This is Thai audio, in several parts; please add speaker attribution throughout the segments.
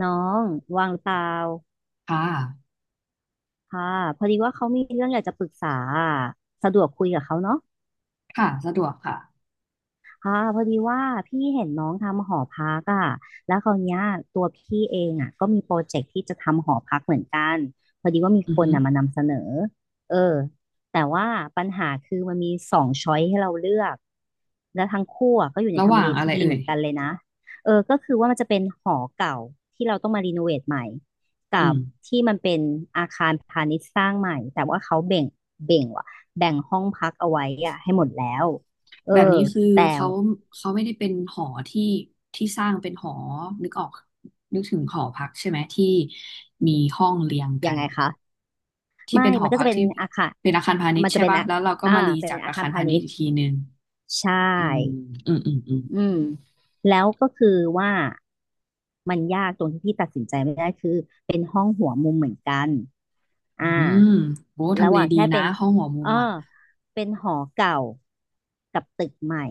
Speaker 1: น้องว่างหรือเปล่า
Speaker 2: ค่ะ
Speaker 1: ค่ะพอดีว่าเขามีเรื่องอยากจะปรึกษาอะสะดวกคุยกับเขาเนาะ
Speaker 2: ค่ะ สะดวกค่ะ
Speaker 1: อ่าพอดีว่าพี่เห็นน้องทำหอพักอ่ะแล้วคราวเนี้ยตัวพี่เองอ่ะก็มีโปรเจกต์ที่จะทำหอพักเหมือนกันพอดีว่ามี
Speaker 2: อื
Speaker 1: ค
Speaker 2: อ
Speaker 1: น
Speaker 2: ฮึ
Speaker 1: น่ะมานำเสนอเออแต่ว่าปัญหาคือมันมีสองช้อยให้เราเลือก แล้วทั้งคู่อ่ะก็อยู่ใน
Speaker 2: ระห
Speaker 1: ทำ
Speaker 2: ว่า
Speaker 1: เล
Speaker 2: งอะไร
Speaker 1: ที่ดีเห
Speaker 2: เอ่
Speaker 1: มื
Speaker 2: ย
Speaker 1: อนกันเลยนะก็คือว่ามันจะเป็นหอเก่าที่เราต้องมารีโนเวทใหม่กั
Speaker 2: อื
Speaker 1: บ
Speaker 2: ม
Speaker 1: ที่มันเป็นอาคารพาณิชย์สร้างใหม่ แต่ว่าเขาแบ่งว่ะแบ่งห้องพักเอาไว้อ่ะให้หมดแล้วเออ
Speaker 2: แบบนี้คือ
Speaker 1: แต่
Speaker 2: เขาเขาไม่ได้เป็นหอที่ที่สร้างเป็นหอนึกออกนึกถึงหอพักใช่ไหมที่มีห้องเรียง
Speaker 1: ยั
Speaker 2: กั
Speaker 1: ง
Speaker 2: น
Speaker 1: ไงคะ
Speaker 2: ที่
Speaker 1: ไม่
Speaker 2: เป็นหอ
Speaker 1: มันก็
Speaker 2: พั
Speaker 1: จะ
Speaker 2: ก
Speaker 1: เป็น
Speaker 2: ที่
Speaker 1: อาคาร
Speaker 2: เป็นอาคารพาณิช
Speaker 1: มัน
Speaker 2: ย์
Speaker 1: จะ
Speaker 2: ใช่
Speaker 1: เป็น
Speaker 2: ป่ะ
Speaker 1: อา
Speaker 2: แล้วเราก็
Speaker 1: อ่า
Speaker 2: มารี
Speaker 1: เป็น
Speaker 2: จาก
Speaker 1: อา
Speaker 2: อา
Speaker 1: คาร
Speaker 2: คาร
Speaker 1: พา
Speaker 2: พา
Speaker 1: ณิ
Speaker 2: ณิช
Speaker 1: ช
Speaker 2: ย์
Speaker 1: ย์
Speaker 2: อีกทีนึง
Speaker 1: ใช
Speaker 2: อืม
Speaker 1: ่
Speaker 2: อืมอืมอืม
Speaker 1: อืมแล้วก็คือว่ามันยากตรงที่พี่ตัดสินใจไม่ได้คือเป็นห้องหัวมุมเหมือนกัน
Speaker 2: อื
Speaker 1: อ่า
Speaker 2: มโอ้
Speaker 1: ระ
Speaker 2: ทำ
Speaker 1: ห
Speaker 2: เล
Speaker 1: ว่าง
Speaker 2: ดี
Speaker 1: แค่
Speaker 2: นะ
Speaker 1: เป็น
Speaker 2: ห้องหัวมุ
Speaker 1: เอ
Speaker 2: มอ่ะ
Speaker 1: อเป็นหอเก่ากับตึกใหม่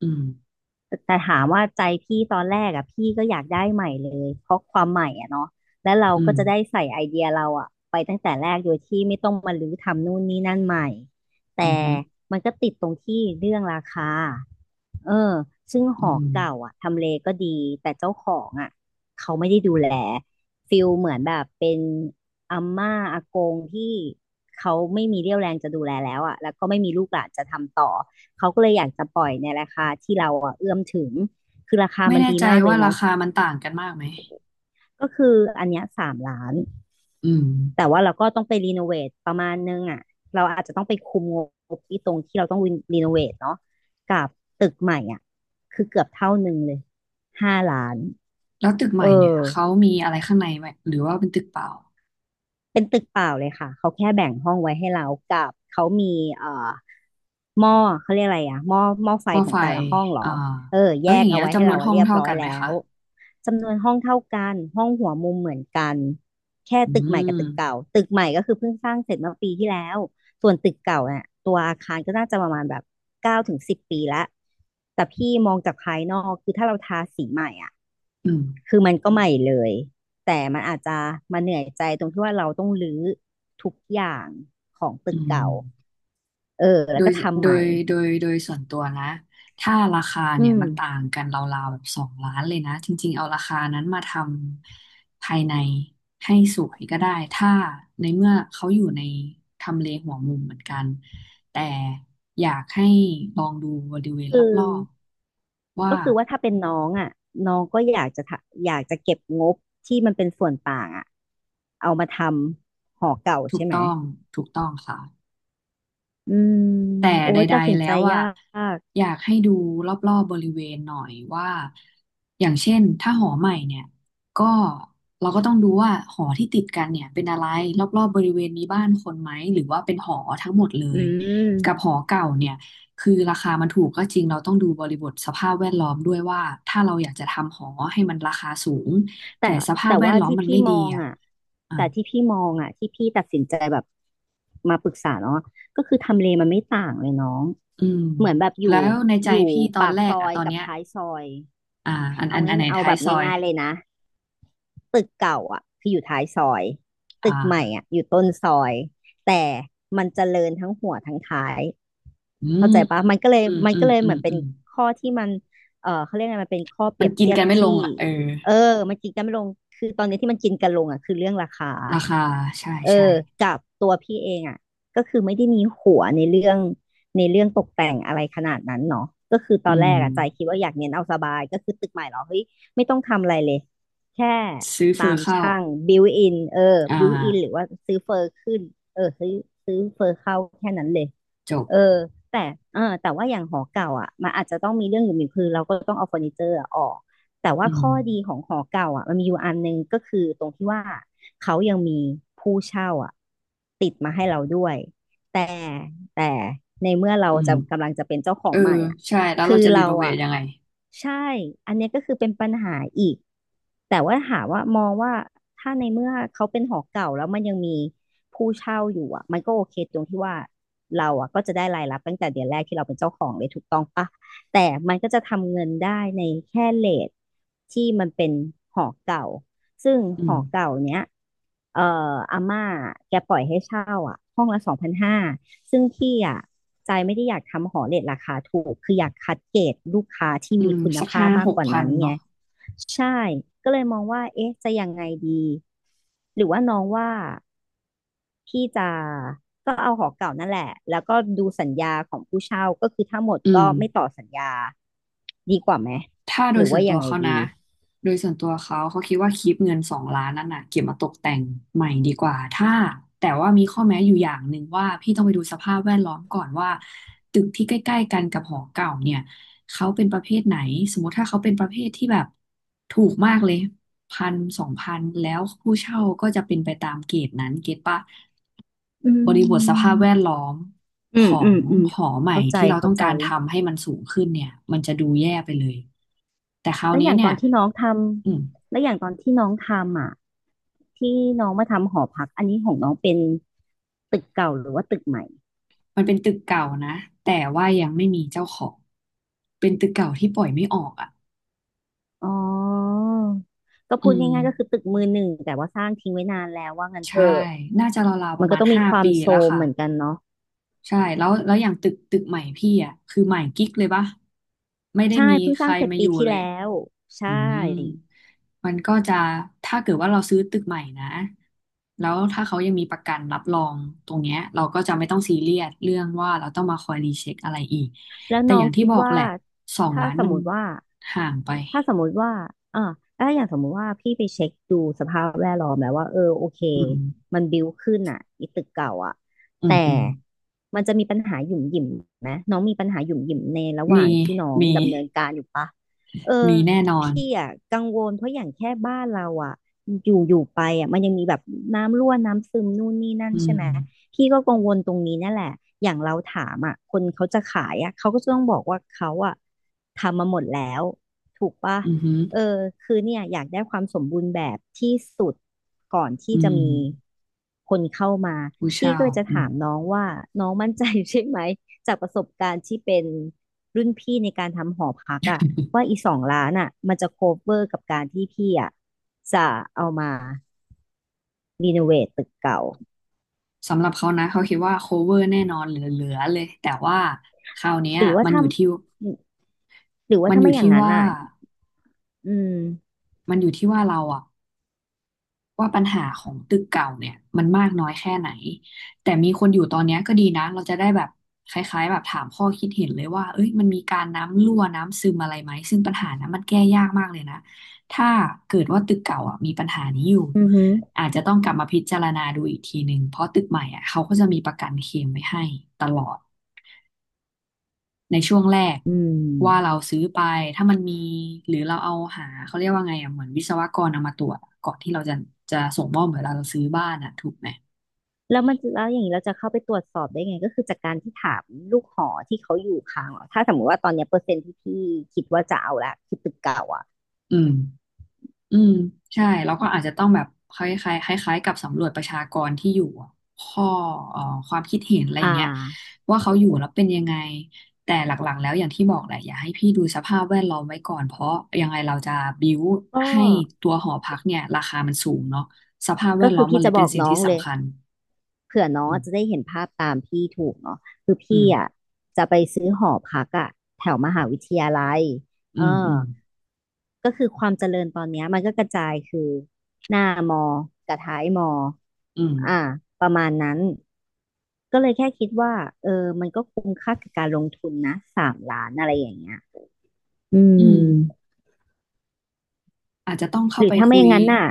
Speaker 2: อืม
Speaker 1: แต่ถามว่าใจพี่ตอนแรกอ่ะพี่ก็อยากได้ใหม่เลยเพราะความใหม่อ่ะเนาะและเรา
Speaker 2: อื
Speaker 1: ก็
Speaker 2: ม
Speaker 1: จะได้ใส่ไอเดียเราอ่ะไปตั้งแต่แรกโดยที่ไม่ต้องมารื้อทำนู่นนี่นั่นใหม่
Speaker 2: อื
Speaker 1: แต่
Speaker 2: มอฮึอ
Speaker 1: มันก็ติดตรงที่เรื่องราคา เออซึ่งห
Speaker 2: อื
Speaker 1: อ
Speaker 2: ม
Speaker 1: เก่าอ่ะทำเลก็ดี แต่เจ้าของอ่ะเขาไม่ได้ดูแลฟิลเหมือนแบบเป็นอาม่าอากงที่เขาไม่มีเรี่ยวแรงจะดูแลแล้วอ่ะแล้วก็ไม่มีลูกหลานจะทำต่อ เขาก็เลยอยากจะปล่อยในราคาที่เราอ่ะเอื้อมถึง คือราคา
Speaker 2: ไม่
Speaker 1: มัน
Speaker 2: แน่
Speaker 1: ดี
Speaker 2: ใจ
Speaker 1: มากเล
Speaker 2: ว่า
Speaker 1: ยน้
Speaker 2: รา
Speaker 1: อง
Speaker 2: คามันต่างกันมากไหม
Speaker 1: ก็คืออันเนี้ย3 ล้าน
Speaker 2: อืม
Speaker 1: แต่ว่าเราก็ต้องไปรีโนเวทประมาณนึงอ่ะเราอาจจะต้องไปคุมงบที่ตรงที่เราต้องรีโนเวทเนาะกับตึกใหม่อ่ะคือเกือบเท่าหนึ่งเลย5 ล้าน
Speaker 2: แล้วตึกให
Speaker 1: เออ
Speaker 2: ม่เนี่ยเขามีอะไรข้างในไหมหรือว่าเป็นตึกเปล่า
Speaker 1: เป็นตึกเปล่าเลยค่ะเขาแค่แบ่งห้องไว้ให้เรากับเขามีเอ่อหม้อเขาเรียกอะไรอะหม้อหม้อไฟ
Speaker 2: ว่า
Speaker 1: ขอ
Speaker 2: ไฟ
Speaker 1: งแต่ละห้องเหร
Speaker 2: อ่า
Speaker 1: อเออ
Speaker 2: แล้
Speaker 1: แย
Speaker 2: วอ
Speaker 1: ก
Speaker 2: ย่าง
Speaker 1: เอา
Speaker 2: เงี้ย
Speaker 1: ไว้ให้
Speaker 2: จำนว
Speaker 1: เรา
Speaker 2: นห้อง
Speaker 1: เรียบ
Speaker 2: เท่า
Speaker 1: ร้อย
Speaker 2: กันไหม
Speaker 1: แล้
Speaker 2: คะ
Speaker 1: วจำนวนห้องเท่ากันห้องหัวมุมเหมือนกันแค่
Speaker 2: อื
Speaker 1: ตึกใหม่กับตึกเก่า
Speaker 2: ม
Speaker 1: ตึกใหม่ก็คือเพิ่งสร้างเสร็จเมื่อปีที่แล้วส่วนตึกเก่าเนี่ยตัวอาคารก็น่าจะประมาณแบบ9 ถึง 10 ปีละแต่พี่มองจากภายนอกคือถ้าเราทาสีใหม่อะ
Speaker 2: อืม
Speaker 1: คือมันก็ใหม่เลยแต่มันอาจจะมาเหนื่อยใจตรงที่ว่าเราต้องรื้อทุกอย่างของตึ
Speaker 2: อื
Speaker 1: กเก่า
Speaker 2: ม
Speaker 1: เออแล้
Speaker 2: โด
Speaker 1: ว
Speaker 2: ย
Speaker 1: ก็ทำ
Speaker 2: โด
Speaker 1: ใหม่
Speaker 2: ยโดยส่วนตัวนะถ้าราคา
Speaker 1: อื
Speaker 2: เนี่ย
Speaker 1: ม
Speaker 2: มันต่างกันราวๆแบบสองล้านเลยนะจริงๆเอาราคานั้นมาทำภายในให้สวยก็ได้ถ้าในเมื่อเขาอยู่ในทำเลหัวมุมเหมือนกันแต่อยากให้ลองดูบริเวณร
Speaker 1: คือ
Speaker 2: อบๆว่า
Speaker 1: ก็คือว่าถ้าเป็นน้องอ่ะน้องก็อยากจะอยากจะเก็บงบที่มันเป็นส่วนต่างอ่ะเอามาทำหอเก่า
Speaker 2: ถูก
Speaker 1: ใช่ไหม
Speaker 2: ต้องถูกต้องค่ะ
Speaker 1: อืม
Speaker 2: แต่
Speaker 1: โอ้
Speaker 2: ใด
Speaker 1: ยตัดสิ
Speaker 2: ๆ
Speaker 1: น
Speaker 2: แล้
Speaker 1: ใจ
Speaker 2: วอ่ะ
Speaker 1: ยาก
Speaker 2: อยากให้ดูรอบๆบริเวณหน่อยว่า อย่างเช่นถ้าหอใหม่เนี่ยก็เราก็ต้องดูว่าหอที่ติดกันเนี่ยเป็นอะไรรอบๆบริเวณมีบ้านคนไหมหรือว่าเป็นหอทั้งหมดเล
Speaker 1: อื
Speaker 2: ยกับห
Speaker 1: ม
Speaker 2: อเก่าเนี่ยคือราคามันถูกก็จริงเราต้องดูบริบทสภาพแวดล้อมด้วยว่าถ้าเราอยากจะทำหอให้มันราคาสูง
Speaker 1: แต่
Speaker 2: แต่สภาพ
Speaker 1: แต่
Speaker 2: แวด
Speaker 1: ว่า
Speaker 2: ล้อม
Speaker 1: ที่
Speaker 2: มัน
Speaker 1: พี่
Speaker 2: ไม่
Speaker 1: ม
Speaker 2: ดี
Speaker 1: อง
Speaker 2: อ่ะ
Speaker 1: อ่ะ
Speaker 2: อ่ะ
Speaker 1: แต่ที่พี่มองอ่ะที่พี่ตัดสินใจแบบมาปรึกษาเนาะก็คือทำเลมันไม่ต่างเลยน้อง
Speaker 2: อืม
Speaker 1: เหมือนแบบอยู่
Speaker 2: แล้วในใจ
Speaker 1: อยู่
Speaker 2: พี่ตอ
Speaker 1: ปา
Speaker 2: น
Speaker 1: ก
Speaker 2: แร
Speaker 1: ซ
Speaker 2: ก
Speaker 1: อ
Speaker 2: อ่ะ
Speaker 1: ย
Speaker 2: ตอน
Speaker 1: กับ
Speaker 2: เนี้ย
Speaker 1: ท้ายซอย
Speaker 2: อ่าอัน
Speaker 1: เอา
Speaker 2: อันอั
Speaker 1: ง่าย
Speaker 2: นไหน
Speaker 1: เอา
Speaker 2: ท้า
Speaker 1: แบ
Speaker 2: ย
Speaker 1: บ
Speaker 2: ซอย
Speaker 1: ง่ายๆเลยนะ ตึกเก่าอ่ะคืออยู่ท้ายซอย
Speaker 2: อ
Speaker 1: ตึกใหม่
Speaker 2: ่า
Speaker 1: อ่ะอยู่ต้นซอยแต่มันเจริญทั้งหัวทั้งท้าย
Speaker 2: อื
Speaker 1: เข้า
Speaker 2: ม
Speaker 1: ใจปะมันก็เลย
Speaker 2: อืม
Speaker 1: มัน
Speaker 2: อื
Speaker 1: ก็
Speaker 2: ม
Speaker 1: เลย
Speaker 2: อื
Speaker 1: เหมื
Speaker 2: ม
Speaker 1: อนเป็
Speaker 2: อื
Speaker 1: น
Speaker 2: ม
Speaker 1: ข้อที่มันเขาเรียกไงมันเป็นข้อเป
Speaker 2: มั
Speaker 1: รี
Speaker 2: น
Speaker 1: ยบ
Speaker 2: กิน
Speaker 1: เทียบ
Speaker 2: กันไม่ลง
Speaker 1: ที่
Speaker 2: อ่ะเออ
Speaker 1: เออมันกินกันไม่ลงคือตอนนี้ที่มันกินกันลงอ่ะคือเรื่องราคา
Speaker 2: ราคาใช่
Speaker 1: เออ
Speaker 2: ใช่
Speaker 1: กับตัวพี่เองอ่ะก็คือไม่ได้มีหัวในเรื่องในเรื่องตกแต่งอะไรขนาดนั้นเนาะก็คือต
Speaker 2: อื
Speaker 1: อนแรก
Speaker 2: ม
Speaker 1: อะใจคิดว่าอยากเน้นเอาสบายก็คือตึกใหม่เหรอเฮ้ยไม่ต้องทำอะไรเลยแค่
Speaker 2: ซื้อเฟ
Speaker 1: ตา
Speaker 2: อ
Speaker 1: ม
Speaker 2: เข้า
Speaker 1: ช่างบิวอินเออ
Speaker 2: อ่า
Speaker 1: บิวอินหรือว่าซื้อเฟอร์ขึ้นเออซื้อซื้อเฟอร์เข้าแค่นั้นเลย
Speaker 2: จ
Speaker 1: เอ
Speaker 2: บ
Speaker 1: อแต่แต่ว่าอย่างหอเก่าอ่ะมันอาจจะต้องมีเรื่องอยู่มีคือเราก็ต้องเอาเฟอร์นิเจอร์อะออกแต่ว่า
Speaker 2: อืม
Speaker 1: ข้อดีของหอเก่าอ่ะมันมีอยู่อันหนึงก็คือตรงที่ว่าเขายังมีผู้เช่าอ่ะติดมาให้เราด้วยแต่แต่ในเมื่อเรา
Speaker 2: อื
Speaker 1: จะ
Speaker 2: ม
Speaker 1: กำลังจะเป็นเจ้าขอ
Speaker 2: เอ
Speaker 1: ง
Speaker 2: อ
Speaker 1: ใหม่อ่ะ
Speaker 2: ใช่แล้ว
Speaker 1: คื
Speaker 2: เรา
Speaker 1: อ
Speaker 2: จะรี
Speaker 1: เรา
Speaker 2: โนเวท
Speaker 1: อ่ะ
Speaker 2: ยังไง
Speaker 1: ใช่ อันเนี้ยก็คือเป็นปัญหาอีกแต่ว่าหามว่ามองว่าถ้าในเมื่อเขาเป็นหอเก่าแล้วมันยังมีผู้เช่าอยู่อ่ะมันก็โอเคตรงที่ว่าเราอ่ะก็จะได้รายรับตั้งแต่เดือนแรกที่เราเป็นเจ้าของเลยถูกต้องปะ แต่มันก็จะทำเงินได้ในแค่เรทที่มันเป็นหอเก่า ซึ่ง
Speaker 2: อื
Speaker 1: ห
Speaker 2: ม
Speaker 1: อเก่าเนี้ยเอ่ออาม่าแกปล่อยให้เช่าอ่ะห้องละ2,500ซึ่งพี่อ่ะใจไม่ได้อยากทำหอเรทราคาถูก คืออยากคัดเกรดลูกค้าที่
Speaker 2: อื
Speaker 1: มี
Speaker 2: ม
Speaker 1: คุณ
Speaker 2: สัก
Speaker 1: ภา
Speaker 2: ห้า
Speaker 1: พมา
Speaker 2: ห
Speaker 1: ก
Speaker 2: ก
Speaker 1: กว่า
Speaker 2: พัน
Speaker 1: นั้นไง
Speaker 2: เนาะ
Speaker 1: ใช่ก็เลยมองว่าเอ๊ะจะยังไงดี หรือว่าน้องว่าพี่จะก็เอาหอเก่านั่นแหละแล้วก็ดูสัญญาของผู้เช่าก็คือถ้าหมด
Speaker 2: อื
Speaker 1: ก็
Speaker 2: ม
Speaker 1: ไม่ต่อสัญญา ดีกว่าไหม
Speaker 2: ถ้าโด
Speaker 1: หรื
Speaker 2: ย
Speaker 1: อ
Speaker 2: ส่
Speaker 1: ว่า
Speaker 2: วนตั
Speaker 1: ยั
Speaker 2: ว
Speaker 1: งไง
Speaker 2: เขา
Speaker 1: ดี
Speaker 2: นะ โดยส่วนตัวเขาเขาคิดว่าคลิปเงินสองล้านนั่นน่ะเก็บมาตกแต่งใหม่ดีกว่า ถ้าแต่ว่ามีข้อแม้อยู่อย่างหนึ่งว่าพี่ต้องไปดูสภาพแวดล้อมก่อนว่าตึกที่ใกล้ๆกันกับหอเก่าเนี่ย เขาเป็นประเภทไหนสมมติถ้าเขาเป็นประเภทที่แบบถูกมากเลยพันสองพันแล้วผู้เช่าก็จะเป็นไปตามเกรดนั้นเก็ตปะ
Speaker 1: อื
Speaker 2: บริบทสภาพ
Speaker 1: ม
Speaker 2: แวดล้อม
Speaker 1: อื
Speaker 2: ข
Speaker 1: ม
Speaker 2: อ
Speaker 1: อื
Speaker 2: ง
Speaker 1: มอืม
Speaker 2: หอใหม่
Speaker 1: เข้าใจ
Speaker 2: ที่เรา
Speaker 1: เข้า
Speaker 2: ต้อง
Speaker 1: ใจ
Speaker 2: การทำให้มันสูงขึ้นเนี่ยมันจะดูแย่ไปเลยแต่คราว
Speaker 1: แล้วอ
Speaker 2: เนี้ย
Speaker 1: ย่าง
Speaker 2: เนี่
Speaker 1: ตอ
Speaker 2: ย
Speaker 1: นที่น้องท
Speaker 2: อืม
Speaker 1: ำ แล้วอย่างตอนที่น้องทำอ่ะที่น้องมาทำหอพักอันนี้ของน้องเป็นตึกเก่าหรือว่าตึกใหม่
Speaker 2: มันเป็นตึกเก่านะแต่ว่ายังไม่มีเจ้าของเป็นตึกเก่าที่ปล่อยไม่ออกอ่ะ
Speaker 1: อ๋อก็
Speaker 2: อื
Speaker 1: พูด
Speaker 2: ม
Speaker 1: ง่ายๆก็คือตึกมือหนึ่งแต่ว่าสร้างทิ้งไว้นานแล้วว่างั้นเถ
Speaker 2: ใช่
Speaker 1: อะ
Speaker 2: น่าจะราวๆป
Speaker 1: มั
Speaker 2: ระ
Speaker 1: นก็
Speaker 2: มาณ
Speaker 1: ต้องมี
Speaker 2: ห้า
Speaker 1: ความ
Speaker 2: ปี
Speaker 1: โซ
Speaker 2: แล้ว
Speaker 1: ม
Speaker 2: ค่ะ
Speaker 1: เหมือนกันเนาะ
Speaker 2: ใช่แล้วแล้วอย่างตึกใหม่พี่อ่ะคือใหม่กิ๊กเลยปะไม่ได้
Speaker 1: ใช่
Speaker 2: มี
Speaker 1: เพิ่ง
Speaker 2: ใค
Speaker 1: สร้า
Speaker 2: ร
Speaker 1: งเสร็จ
Speaker 2: มาอ
Speaker 1: ปี
Speaker 2: ยู่
Speaker 1: ที่
Speaker 2: เลย
Speaker 1: แล้ว
Speaker 2: อื
Speaker 1: ใช่
Speaker 2: มมันก็จะถ้าเกิดว่าเราซื้อตึกใหม่นะแล้วถ้าเขายังมีประกันรับรองตรงเนี้ยเราก็จะไม่ต้องซีเรียสเรื่องว่าเราต้องมาคอยรีเช็คอะไรอีก
Speaker 1: แล้ว
Speaker 2: แต่
Speaker 1: น้อ
Speaker 2: อย่า
Speaker 1: ง
Speaker 2: งที่
Speaker 1: คิด
Speaker 2: บอก
Speaker 1: ว่า
Speaker 2: แหละสอง
Speaker 1: ถ้า
Speaker 2: ล้าน
Speaker 1: สม
Speaker 2: มัน
Speaker 1: มติว่า
Speaker 2: ห่างไป
Speaker 1: ถ้าสมมุติว่าอ่าถ้าอย่างสมมุติว่าพี่ไปเช็คดูสภาพแวดล้อมแล้วว่า เออ โอเค
Speaker 2: อืม
Speaker 1: มันบิ้วขึ้นอ่ะอีตึกเก่าอ่ะ
Speaker 2: อื
Speaker 1: แต่
Speaker 2: มอืม
Speaker 1: มันจะมีปัญหาหยุ่มหยิมไหมน้องมีปัญหาหยุ่มหยิมในระหว่า
Speaker 2: มี
Speaker 1: งที่น้อง
Speaker 2: มี
Speaker 1: ดำเนินการอยู่ปะเออ
Speaker 2: มีแน่นอน
Speaker 1: พี่อ่ะกังวล เพราะอย่างแค่บ้านเราอ่ะอยู่อยู่ไปอ่ะมันยังมีแบบน้ำรั่วน้ำซึมนู่นนี่นั่น
Speaker 2: อื
Speaker 1: ใช่ไหม
Speaker 2: ม
Speaker 1: พี่ก็กังวลตรงนี้นั่นแหละอย่างเราถามอ่ะคนเขาจะขายอ่ะเขาก็จะต้องบอกว่าเขาอ่ะทำมาหมดแล้ว ถูกปะ
Speaker 2: อือหือ
Speaker 1: เออคือเนี่ยอยากได้ความสมบูรณ์แบบที่สุดก่อนที่
Speaker 2: อื
Speaker 1: จะ
Speaker 2: ม
Speaker 1: มีคนเข้ามา
Speaker 2: ผู้
Speaker 1: พี่
Speaker 2: เช่า
Speaker 1: ก็เลยจะ
Speaker 2: อื
Speaker 1: ถา
Speaker 2: ม
Speaker 1: มน้องว่าน้องมั่นใจใช่ไหม จากประสบการณ์ที่เป็นรุ่นพี่ในการทำหอพักอะว่าอี2,000,000อะมันจะโคเวอร์กับการที่พี่อะจะเอามารีโนเวทตึกเก่า
Speaker 2: สำหรับเขานะเขาคิดว่า cover แน่นอนเหลือๆเลยแต่ว่าคราวเนี้ย
Speaker 1: หรือว่า
Speaker 2: มัน
Speaker 1: ถ้า
Speaker 2: อยู่ที่
Speaker 1: หรือว่า
Speaker 2: มัน
Speaker 1: ถ้า
Speaker 2: อ
Speaker 1: ไม่
Speaker 2: ยู่
Speaker 1: อย่าง
Speaker 2: ที่
Speaker 1: นั้น
Speaker 2: ว่า
Speaker 1: อะอืม
Speaker 2: มันอยู่ที่ว่าเราอะว่าปัญหาของตึกเก่าเนี่ยมันมากน้อยแค่ไหนแต่มีคนอยู่ตอนเนี้ยก็ดีนะเราจะได้แบบคล้ายๆแบบถามข้อคิดเห็นเลยว่าเอ้ยมันมีการน้ำรั่วน้ำซึมอะไรไหมซึ่งปัญหานั้นมันแก้ยากมากเลยนะถ้าเกิดว่าตึกเก่าอ่ะมีปัญหานี้อยู่
Speaker 1: อือหือ
Speaker 2: อาจจะต้องกลับมาพิจารณาดูอีกทีหนึ่งเพราะตึกใหม่อ่ะเขาก็จะมีประกันเคลมไว้ให้ตลอด ในช่วงแรก
Speaker 1: อื
Speaker 2: ว่าเรา
Speaker 1: ม
Speaker 2: ซื้อไปถ้ามันมีหรือเราเอาหาเขาเรียกว่าไงอ่ะเหมือนวิศวกรเอามาตรวจอะก่อนที่เราจะจะส่งมอบเหมือนเราซื้อบ้านอ่ะถูกไหม
Speaker 1: แล้วมันจะแล้วอย่างนี้เราจะเข้าไปตรวจสอบได้ไงก็คือจากการที่ถามลูกหอที่เขาอยู่ค้างเหรอถ้าสมมติว่าตอนเนี้ยเปอร์เซ็นต์ที่พี่คิดว่าจะเอาละคิดตึกเก่าอ่ะ
Speaker 2: อืมอืมใช่เร้ก็อาจจะต้องแบบคล้ายๆคล้ายๆกับสำรวจประชากรที่อยู่อะข้อเอ่อความคิดเห็นอะไร
Speaker 1: อ่า
Speaker 2: เงี้ยว่าเขาอยู่แล้วเป็นยังไงแต่หลักๆแล้วอย่างที่บอกแหละอย่าให้พี่ดูสภาพแวดล้อมไว้ก่อนเพราะยังไงเราจะบิ้ว
Speaker 1: ก็
Speaker 2: ให้ตัวหอพักเนี่ยราคามันสูงเนาะสภาพแว
Speaker 1: ก็
Speaker 2: ดล้
Speaker 1: คื
Speaker 2: อ
Speaker 1: อ
Speaker 2: มมั
Speaker 1: พี่
Speaker 2: นเล
Speaker 1: จะ
Speaker 2: ย
Speaker 1: บ
Speaker 2: เป็
Speaker 1: อ
Speaker 2: น
Speaker 1: ก
Speaker 2: สิ่ง
Speaker 1: น้อ
Speaker 2: ที่
Speaker 1: งเลย
Speaker 2: สำคัญ
Speaker 1: เผื่อน้อ
Speaker 2: อื
Speaker 1: งจะ
Speaker 2: ม
Speaker 1: ได้เห็นภาพตามพี่ถูกเนาะคือ
Speaker 2: อื
Speaker 1: พี่
Speaker 2: ม
Speaker 1: อ่ะจะไปซื้อหอพักอ่ะแถวมหาวิทยาลัย
Speaker 2: อื
Speaker 1: เออ
Speaker 2: มอืม
Speaker 1: ก็คือความเจริญตอนเนี้ยมันก็กระจายคือหน้ามอกับท้ายมอ
Speaker 2: อืม
Speaker 1: อ่าประมาณนั้นก็เลยแค่คิดว่าเออมันก็คุ้มค่ากับการลงทุนนะ3,000,000อะไรอย่างเงี้ยอืม
Speaker 2: อืมอาจจะต้อง
Speaker 1: ห
Speaker 2: เข้า
Speaker 1: รื
Speaker 2: ไป
Speaker 1: อถ้า
Speaker 2: คุ
Speaker 1: ไม่อ
Speaker 2: ย
Speaker 1: ย่างนั้นน่ะ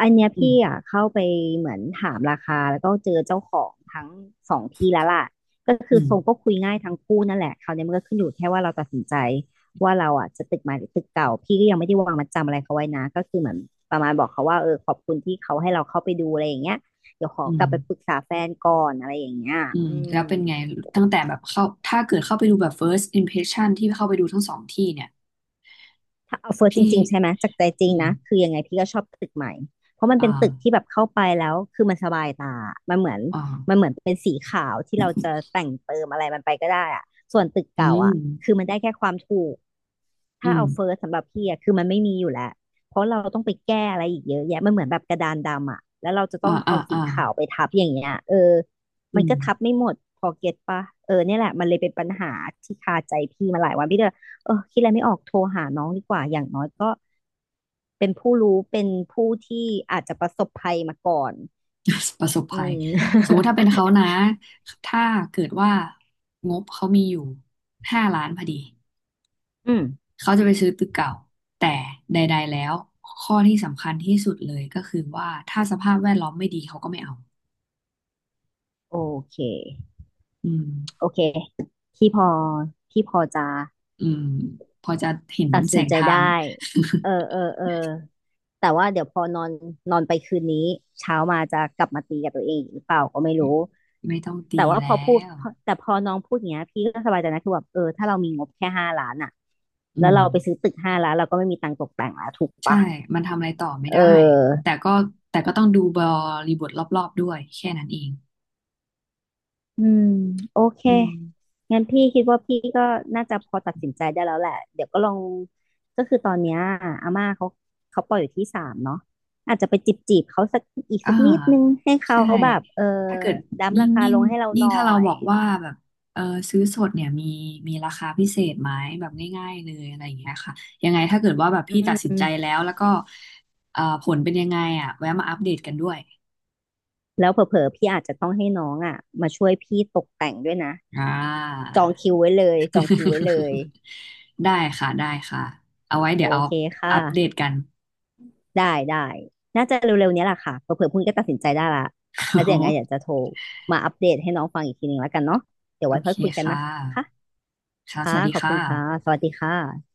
Speaker 1: อันเนี้ย
Speaker 2: อืม
Speaker 1: พี่อ่ะเข้าไปเหมือนถามราคาแล้วก็เจอเจ้าของทั้งสองที่แล้วล่ะก็คือ
Speaker 2: อืม
Speaker 1: ทรงก็คุยง่ายทั้งคู่นั่นแหละคราวนี้มันก็ขึ้นอยู่แค่ว่าเราตัดสินใจว่าเราอ่ะจะตึกใหม่หรือตึกเก่าพี่ก็ยังไม่ได้วางมัดจำอะไรเขาไว้นะก็คือเหมือนประมาณบอกเขาว่าเออขอบคุณที่เขาให้เราเข้าไปดูอะไรอย่างเงี้ยเดี๋ยวขอ
Speaker 2: อื
Speaker 1: ก
Speaker 2: ม
Speaker 1: ลับไปปรึกษาแฟนก่อนอะไรอย่างเงี้ย
Speaker 2: อืม
Speaker 1: อื
Speaker 2: แล้
Speaker 1: ม
Speaker 2: วเป็นไงตั้งแต่แบบเข้าถ้าเกิดเข้าไปดูแบบ first impression ที่เข้าไปดูทั้งสองที่เนี่ย
Speaker 1: ถ้าเอาเฟิร์สจ
Speaker 2: พี่
Speaker 1: ริงๆใช่ไหมจากใจจริ
Speaker 2: อื
Speaker 1: ง
Speaker 2: ม
Speaker 1: นะคือยังไงพี่ก็ชอบตึกใหม่เพราะมัน
Speaker 2: อ
Speaker 1: เป็นตึกที่
Speaker 2: ่า
Speaker 1: แบบเข้าไปแล้วคือมันสบายตามันเหมือน
Speaker 2: อ่า
Speaker 1: มันเหมือนเป็นสีขาวที่เราจะแต่งเติมอะไรมันไปก็ได้อะส่วนตึก
Speaker 2: อื
Speaker 1: เก่า
Speaker 2: ม
Speaker 1: อะคือมันได้แค่ความถูก
Speaker 2: อื
Speaker 1: ถ้า
Speaker 2: ม
Speaker 1: เอาเฟิร์สสำหรับพี่อะคือมันไม่มีอยู่แล้วเพราะเราต้องไปแก้อะไรอีกเยอะแยะมันเหมือนแบบกระดานดำอะแล้วเราจะต้
Speaker 2: อ่า
Speaker 1: อง
Speaker 2: อ่า
Speaker 1: เอาสี
Speaker 2: อ่า
Speaker 1: ขาวไปทับอย่างเงี้ยเออ
Speaker 2: อื
Speaker 1: มัน
Speaker 2: ม
Speaker 1: ก็ทับไม่หมดพอเก็ตปะเออเนี่ยแหละมันเลยเป็นปัญหาที่คาใจพี่มาหลายวันพี่ก็เลยเออคิดอะไรไม่ออกโทรหาน้องดีกว่าอย่างน้อยก็เป็นผู้รู้เป็นผู้ที่อาจจะประสบภัยมาก่อน
Speaker 2: ประสบ
Speaker 1: อื
Speaker 2: ภัย
Speaker 1: ม
Speaker 2: สมมุติถ้าเป็น เขานะถ้าเกิดว่างบเขามีอยู่ห้าล้านพอดี
Speaker 1: อืม
Speaker 2: เขาจะไปซื้อตึกเก่า แต่ใดๆแล้วข้อที่สำคัญที่สุดเลยก็คือว่าถ้าสภาพแวดล้อมไม่ดีเขาก็ไม่เอา
Speaker 1: โอเค
Speaker 2: อืม
Speaker 1: โอเคพี่พอพี่พอจะ
Speaker 2: อืมพอจะเห็น
Speaker 1: ตัด
Speaker 2: แส
Speaker 1: สิน
Speaker 2: ง
Speaker 1: ใจ
Speaker 2: ทาง
Speaker 1: ได้เออเออเออแต่ว่าเดี๋ยวพอนอนนอนไปคืนนี้เช้ามาจะกลับมาตีกับตัวเองอีกหรือเปล่าก็ไม่รู้
Speaker 2: ไม่ต้องตี
Speaker 1: แต่ว่า
Speaker 2: แล้ว
Speaker 1: พอน้องพูดอย่างเงี้ยพี่ก็สบายใจนะคือแบบเออถ้าเรามีงบแค่ห้าล้านอ่ะ
Speaker 2: อื
Speaker 1: แล้ว
Speaker 2: ม
Speaker 1: เราไปซื้อตึกห้าล้านเราก็ไม่มีตังค์ตกแต่งแล้วถูก
Speaker 2: ใช่
Speaker 1: ปะ
Speaker 2: มันทำอะไรต่อไม่
Speaker 1: เ
Speaker 2: ได้
Speaker 1: ออ
Speaker 2: แต่ก็แต่ก็ต้องดูบริบทรอบๆด้วยแค่นั้นเอง
Speaker 1: อืมโอเค
Speaker 2: อืม
Speaker 1: งั้นพี่คิดว่าพี่ก็น่าจะพอตัดสินใจได้แล้วแหละเดี๋ยวก็ลองก็คือตอนเนี้ยอาม่าเขาปล่อยอยู่ที่สามเนาะอาจจะไปจีบเขาสักอีก
Speaker 2: อ่า
Speaker 1: สักนิดนึงให้เขา
Speaker 2: ใช่
Speaker 1: แบบเออ
Speaker 2: ถ้าเกิด
Speaker 1: ดั้ม
Speaker 2: ยิ่
Speaker 1: รา
Speaker 2: ง
Speaker 1: คา
Speaker 2: ยิ่
Speaker 1: ล
Speaker 2: ง
Speaker 1: งให้เรา
Speaker 2: ยิ่
Speaker 1: ห
Speaker 2: ง
Speaker 1: น่อ
Speaker 2: ถ้าเราบ
Speaker 1: ย
Speaker 2: อกว่าแบบเออซื้อสดเนี่ยมีราคาพิเศษไหมแบบง่ายๆเลยอะไรอย่างเงี้ยค่ะยังไงถ้าเกิดว่าแบบ
Speaker 1: อื
Speaker 2: พี่ตัดสินใจ
Speaker 1: ม
Speaker 2: แล้วแล้วก็ผลเป็นยังไงอ่ะแวะมาอัปเดตกันด้วย
Speaker 1: แล้วเผลอๆพี่อาจจะต้องให้น้องอ่ะมาช่วยพี่ตกแต่งด้วยนะ
Speaker 2: อ่า
Speaker 1: จองคิวไว้เลยจองคิวไว้เลย
Speaker 2: ได้ค่ะได้ค่ะเอาไว้
Speaker 1: โอ
Speaker 2: เดี๋ยวเอา
Speaker 1: เคค
Speaker 2: อัปเดต
Speaker 1: ่ะ
Speaker 2: กัน
Speaker 1: ได้ได้ น่าจะเร็วๆเนี้ยแหละค่ะเผื่อๆพรุ่งนี้ก็ตัดสินใจได้ละแล้วเดี๋ยวยังไงอ ยากจะโทรมาอัปเดตให้น้องฟังอีกทีหนึ่งแล้วกันเนาะเดี๋ยว
Speaker 2: โอ
Speaker 1: ไว้ค่
Speaker 2: เค
Speaker 1: อยคุยกัน
Speaker 2: ค่ะ
Speaker 1: นะคะ
Speaker 2: ค่ะส
Speaker 1: ค่ะ
Speaker 2: วัสดี
Speaker 1: ขอบคุ
Speaker 2: ค่ะ
Speaker 1: ณค่ะ สวัสดีค่ะ